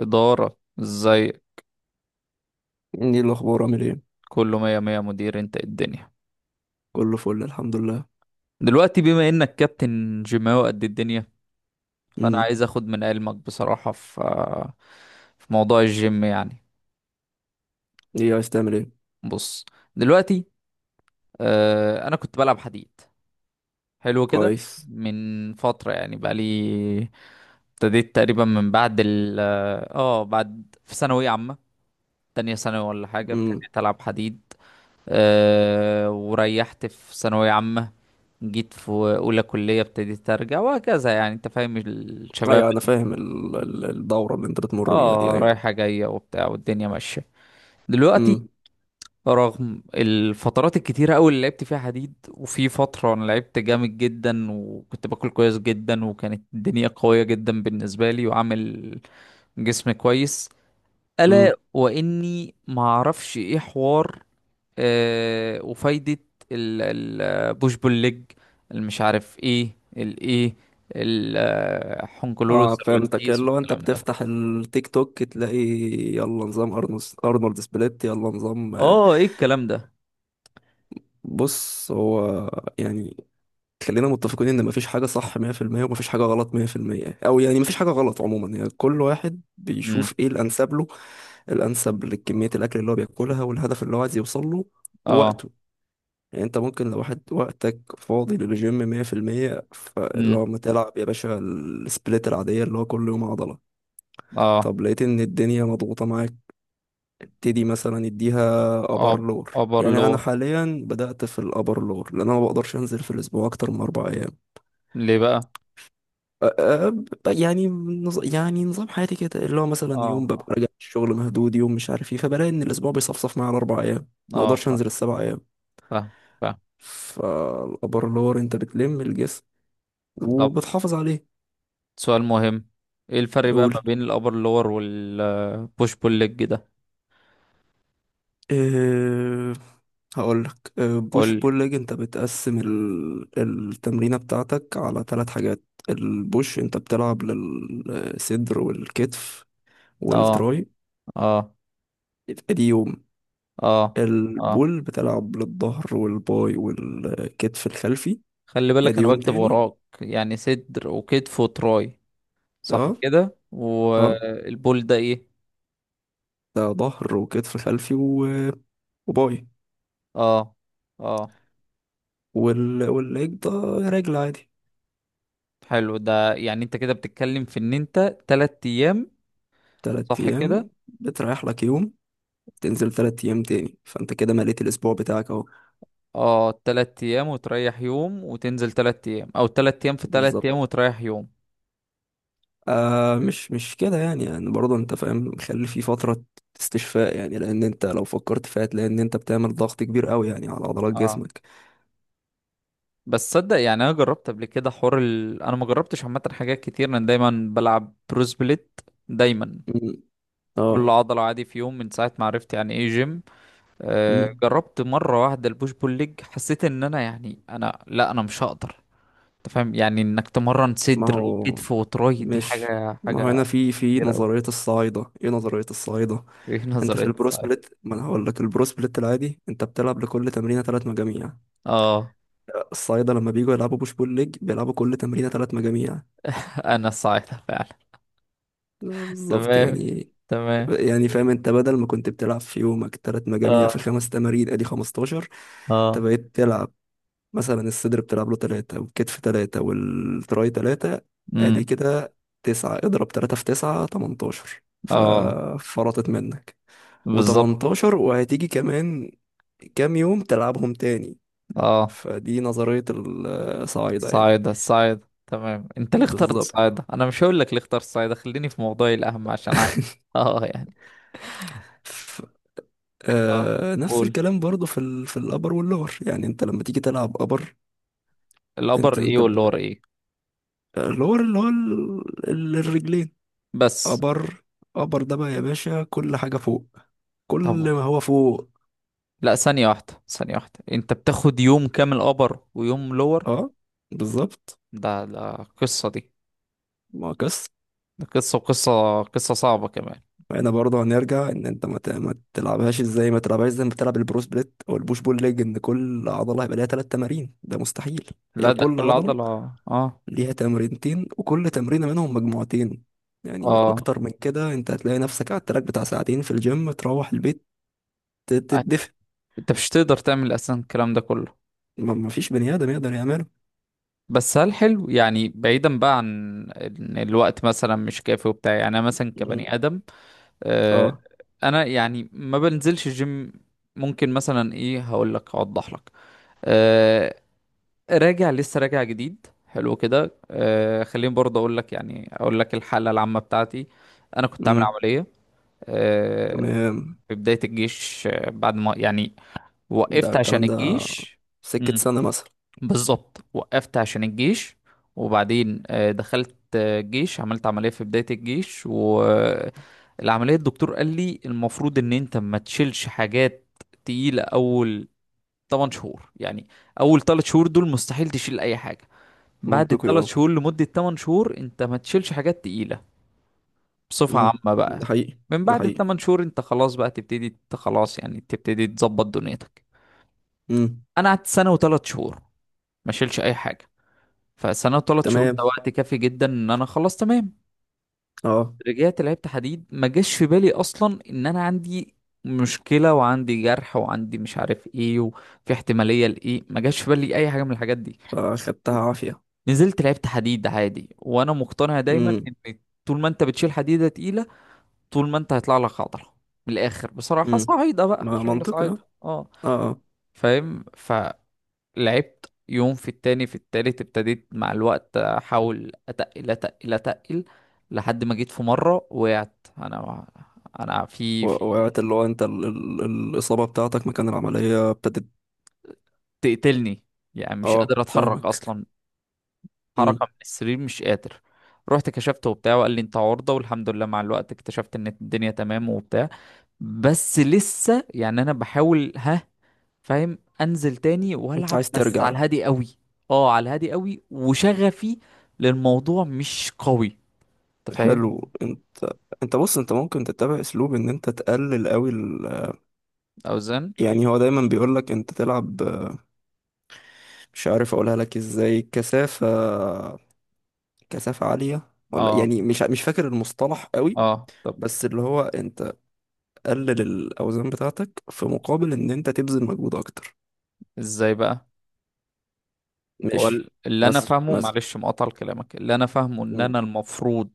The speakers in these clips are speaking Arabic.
إدارة ازاي؟ ايه الاخبار؟ عامل ايه؟ كله مية مية، مدير. انت إيه الدنيا؟ كله فل، الحمد لله. دلوقتي بما انك كابتن جيماوي، قد إيه الدنيا؟ فانا امم. عايز اخد من علمك بصراحة في موضوع الجيم يعني. ايه؟ عايز تعمل ايه؟ بص. دلوقتي، انا كنت بلعب حديد، حلو كده. كويس. من فترة يعني، بقالي ابتديت تقريبا من بعد ال اه آه، بعد في ثانوية عامة، تانية ثانوي ولا حاجة، امم. ابتديت ألعب حديد. وريحت في ثانوية عامة، جيت في اولى كلية ابتديت ارجع وهكذا. يعني انت فاهم الشباب، ايوه، انا فاهم الدوره اللي انت بتمر بيها دي، اه، ايوه. رايحة جاية وبتاع والدنيا ماشية. دلوقتي، امم. رغم الفترات الكتيرة أوي اللي لعبت فيها حديد، وفي فترة أنا لعبت جامد جدا وكنت باكل كويس جدا وكانت الدنيا قوية جدا بالنسبة لي وعامل جسم كويس، ألا امم. وإني معرفش إيه حوار وفايدة البوش بول ليج، المش عارف ايه الايه، الحنكلورو اه، فهمتك. سيرفانتيس اللي هو انت والكلام ده. بتفتح التيك توك تلاقي يلا نظام ارنولد، ارنولد سبليت، يلا نظام اه، ايه الكلام ده؟ بص، هو يعني خلينا متفقين ان مفيش حاجة صح 100%، ومفيش حاجة غلط 100%، او يعني مفيش حاجة غلط عموما. يعني كل واحد امم. بيشوف ايه الانسب له، الانسب لكمية الاكل اللي هو بياكلها، والهدف اللي هو عايز يوصل له، اه. ووقته. يعني انت ممكن لو واحد وقتك فاضي للجيم 100%، فاللي امم. هو ما تلعب يا باشا السبليت العادية اللي هو كل يوم عضلة. اه. طب لقيت ان الدنيا مضغوطة معاك، ابتدي مثلا اديها ابر لور. ابر يعني انا لور. حاليا بدأت في الابر لور، لان انا ما بقدرش انزل في الاسبوع اكتر من 4 ايام. ليه بقى؟ يعني نظام حياتي كده، اللي هو مثلا اه، يوم ببقى اه، راجع الشغل مهدود، يوم مش عارف ايه، فبلاقي ان الاسبوع بيصفصف معايا على اربع ايام. ما آه، اقدرش فاهم. انزل السبع ايام. فاهم. فاهم. فالابر انت بتلم الجسم طب، وبتحافظ عليه. سؤال مهم. ايه الفرق بقى قول. ما بين الابر لور والبوش بول ليج ده؟ أه. هقول لك، قول بوش لي. بول ليج انت بتقسم التمرينه بتاعتك على 3 حاجات. البوش انت بتلعب للصدر والكتف اه. والتراي. اه. ادي يوم. اه. اه. البول بتلعب للظهر والباي والكتف الخلفي. خلي بالك ادي انا يوم بكتب تاني. وراك، يعني صدر وكتف وتراي، صح اه. كده؟ اه. والبول ده ايه؟ ده ظهر وكتف خلفي، وباي، اه. اه. والليج ده رجل عادي. حلو. ده يعني انت كده بتتكلم في ان انت 3 ايام، تلات صح ايام، كده؟ بتريح لك يوم، تنزل تلات ايام تاني، فانت كده مليت الاسبوع بتاعك اهو. اه، تلات ايام وتريح يوم وتنزل تلات ايام، او تلات ايام في تلات ايام بالظبط. وتريح يوم. مش كده، يعني برضه انت فاهم، خلي في فترة استشفاء، يعني لان انت لو فكرت فيها هتلاقي ان انت بتعمل ضغط كبير قوي يعني على عضلات اه، جسمك. بس صدق، يعني انا جربت قبل كده حوار انا ما جربتش عامه حاجات كتير، انا دايما بلعب بروس بليت. دايما مم. كل اه. عضله عادي، في يوم، من ساعه ما عرفت يعني ايه جيم. مم. جربت مرة واحدة البوش بول ليج، حسيت ان انا، يعني انا، لا، انا مش هقدر. انت فاهم يعني انك تمرن ما صدر هو وكتف وتراي دي مش حاجة ما هو حاجة هنا في كبيرة اوي. نظرية الصعايدة. ايه نظرية الصعايدة؟ ايه انت في نظرية، البرو صحيح؟ سبليت، ما انا هقول لك، البرو سبليت العادي انت بتلعب لكل تمرينة ثلاث مجاميع. اه، الصعايدة لما بييجوا يلعبوا بوش بول ليج، بيلعبوا كل تمرينة ثلاث مجاميع. انا صحيح فعلا. بالظبط تمام. يعني. تمام. يعني فاهم، انت بدل ما كنت بتلعب في يومك ثلاث مجاميع في اه. الخمس تمارين ادي 15، انت اه. بقيت تلعب مثلا الصدر بتلعب له تلاتة، والكتف تلاتة، والتراي تلاتة. ادي امم. كده تسعة. اضرب تلاتة في تسعة، تمنتاشر. اه. ففرطت منك بالظبط. وتمنتاشر، وهتيجي كمان كام يوم تلعبهم تاني؟ اه. فدي نظرية الصعايدة يعني. صاعدة صاعدة، تمام. انت ليه اخترت بالظبط. صاعدة؟ انا مش هقول لك ليه اخترت صاعدة، خليني في موضوعي الاهم عشان اه، يعني، ف... اه، نفس قول. الكلام برضو في الابر واللور، يعني انت لما تيجي تلعب ابر. الابر انت ايه انت ب... واللور ايه؟ اللور اللي هو الرجلين. بس. ابر. ابر ده بقى يا باشا كل حاجة فوق، طب، كل ما هو فوق. لا، ثانية واحدة، ثانية واحدة، انت بتاخد يوم كامل ابر ويوم لور؟ اه. بالظبط. ده قصة دي. ما قص ده قصة، وقصة صعبة كمان. هنا برضه هنرجع ان انت ما تلعبهاش ازاي، ما تلعبهاش زي ما بتلعب البرو سبليت او البوش بول ليج ان كل عضله هيبقى ليها ثلاث تمارين، ده مستحيل. لا يا، هي ده كل كل خبر عضله عضلة، اه. ليها تمرينتين، وكل تمرينه منهم مجموعتين. يعني اه، اكتر من كده انت هتلاقي نفسك على التراك بتاع ساعتين في الجيم، تروح البيت تتدفى. انت مش تقدر تعمل اساسا الكلام ده كله. ما ما فيش بني ادم يقدر يعمله. بس هل حلو، يعني بعيدا بقى عن ان الوقت مثلا مش كافي وبتاع، يعني انا مثلا مم. كبني ادم، آه اه. انا يعني ما بنزلش الجيم، ممكن مثلا ايه، هقول لك، اوضح لك. آه، راجع، لسه راجع جديد، حلو كده. خليني برضه اقول لك، يعني اقول لك الحاله العامه بتاعتي. انا كنت عامل امم. عمليه آه تمام. في بدايه الجيش، بعد ما يعني ده وقفت عشان الكلام ده الجيش. سكة مم. سنة مثلا. بالظبط، وقفت عشان الجيش، وبعدين دخلت الجيش، عملت عمليه في بدايه الجيش، والعمليه الدكتور قال لي المفروض ان انت ما تشيلش حاجات تقيله اول 8 شهور يعني. اول 3 شهور دول مستحيل تشيل اي حاجه. بعد منطقي، الثلاث اه. شهور، لمدة 8 شهور، انت ما تشيلش حاجات تقيلة بصفة امم. عامة ده بقى. حقيقي. من ده بعد حقيقي. الثمان شهور انت خلاص بقى تبتدي، انت خلاص يعني تبتدي تظبط دنيتك. امم. انا قعدت سنة وثلاث شهور ما شيلش اي حاجة. فسنة وثلاث شهور تمام. ده وقت كافي جدا ان انا خلاص تمام. اه. رجعت لعبت حديد، ما جاش في بالي اصلا ان انا عندي مشكلة وعندي جرح وعندي مش عارف ايه وفي احتمالية لايه، ما جاش في بالي اي حاجة من الحاجات دي. فاخدتها عافية. نزلت لعبت حديد عادي، وانا مقتنع دايما امم. ان طول ما انت بتشيل حديده تقيله، طول ما انت هيطلع لك عضله. من الاخر، بصراحه، امم. صعيده بقى، ما شغل منطقي، صعيده، اه. اه. اه. آه. فاهم. فلعبت يوم، في التاني، في التالت ابتديت مع الوقت، احاول اتقل، اتقل، اتقل، لحد ما جيت في مره وقعت. انا في وقعت، اللي هو انت الإصابة بتاعتك مكان العملية ابتدت. تقتلني، يعني مش اه، قادر اتحرك فاهمك. اصلا، حركة امم. من السرير مش قادر. رحت كشفته وبتاع، وقال لي انت عورضة، والحمد لله مع الوقت اكتشفت ان الدنيا تمام وبتاع. بس لسه يعني انا بحاول، ها، فاهم، انزل تاني انت والعب عايز بس ترجع؟ على الهادي قوي. اه، على الهادي قوي، وشغفي للموضوع مش قوي، انت فاهم. حلو. انت بص، انت ممكن تتبع اسلوب ان انت تقلل قوي اوزان. يعني هو دايما بيقولك انت تلعب، مش عارف اقولها لك ازاي، كثافة. كثافة عالية، ولا اه. يعني مش فاكر المصطلح قوي. اه. طب، بس اللي هو انت قلل الاوزان بتاعتك، في مقابل ان انت تبذل مجهود اكتر. ازاي بقى؟ هو ماشي. اللي انا مثلا فاهمه، مثلا معلش مقاطع كلامك، اللي انا فاهمه ان مم. انا المفروض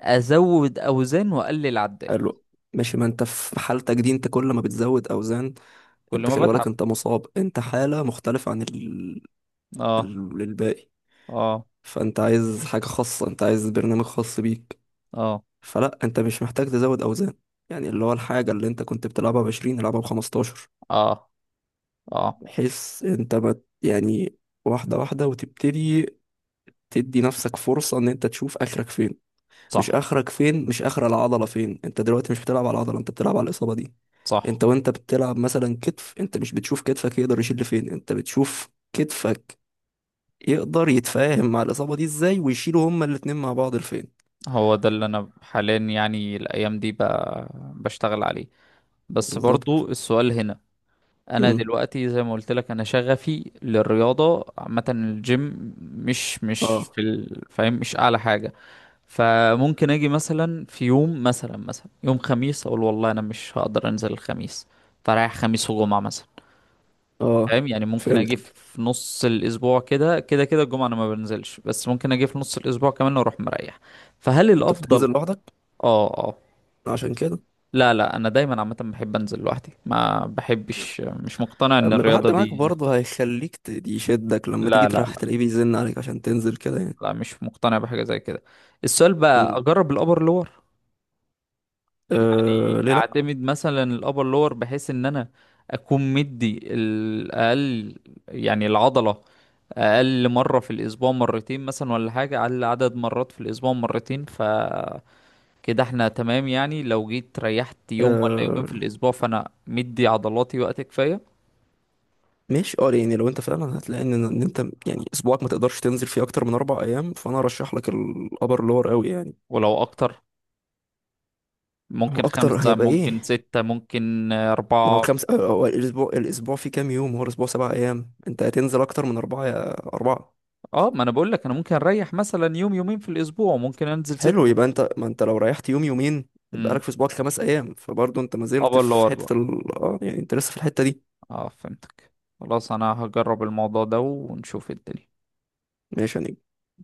ازود اوزان واقلل عدات. حلو. ماشي، ما انت في حالتك دي انت كل ما بتزود اوزان، كل انت ما خلي بالك، بتعب. انت مصاب، انت حالة مختلفة عن اه. الباقي. اه. فانت عايز حاجة خاصة، انت عايز برنامج خاص بيك. اه. فلا، انت مش محتاج تزود اوزان. يعني اللي هو، الحاجة اللي انت كنت بتلعبها بعشرين العبها بخمستاشر، اه. اه. بحيث انت ما، يعني، واحدة واحدة، وتبتدي تدي نفسك فرصة ان انت تشوف اخرك فين. مش صح. اخرك فين، مش اخر العضله فين. انت دلوقتي مش بتلعب على العضله، انت بتلعب على الاصابه دي. صح. انت وانت بتلعب مثلا كتف، انت مش بتشوف كتفك يقدر يشيل لفين، انت بتشوف كتفك يقدر يتفاهم مع الاصابه دي ازاي، ويشيلوا هما الاتنين مع بعض لفين. هو ده اللي انا حاليا، يعني الايام دي بشتغل عليه. بس بالظبط. برضو السؤال هنا، انا امم. دلوقتي زي ما قلت لك، انا شغفي للرياضة عامة، الجيم مش في اه. فاهم، مش اعلى حاجة. فممكن اجي مثلا في يوم، مثلا يوم خميس اقول والله انا مش هقدر انزل الخميس، فرايح خميس وجمعة مثلا. اه، فاهم يعني، ممكن اجي فهمتك. في نص الاسبوع، كده كده كده الجمعه انا ما بنزلش، بس ممكن اجي في نص الاسبوع كمان واروح مريح. فهل انت الافضل؟ بتنزل لوحدك؟ اه. اه. عشان كده، لا، لا، انا دايما عامه بحب انزل لوحدي، ما بحبش، مش مقتنع ان اما يبقى الرياضه حد معاك دي. برضه هيخليك يشدك، لما تيجي لا، لا، تروح لا. تلاقيه بيزن عليك عشان تنزل كده يعني. لا، مش مقتنع بحاجه زي كده. السؤال بقى، امم. اجرب الابر لور؟ يعني آه، ليه لا؟ اعتمد مثلا الابر لور بحيث ان انا اكون مدي الاقل، يعني العضله اقل مره في الاسبوع، مرتين مثلا ولا حاجه، اقل عدد مرات في الاسبوع مرتين، فكده احنا تمام. يعني لو جيت ريحت يوم ولا يومين آه. في الاسبوع، فانا مدي عضلاتي وقت كفايه. ماشي، اه، يعني لو انت فعلا هتلاقي ان انت يعني اسبوعك ما تقدرش تنزل فيه اكتر من اربع ايام، فانا ارشح لك الابر لور قوي يعني. ولو اكتر هو ممكن اكتر خمسة، هيبقى ايه؟ ممكن ستة، ممكن هو أربعة. خمس، هو الاسبوع فيه كام يوم؟ هو الاسبوع سبع ايام، انت هتنزل اكتر من اربعه يا اربعه. اه، ما انا بقول لك انا ممكن اريح مثلا يوم يومين في الاسبوع ممكن انزل حلو، يبقى ستة. انت، ما انت لو ريحت يوم يومين يبقى امم. لك في اسبوعك خمس ايام، فبرضه انت ما زلت ابر في لور. حته ال اه يعني انت لسه في الحته دي. اه، فهمتك. خلاص، انا هجرب الموضوع ده ونشوف الدنيا. ماشي يعني.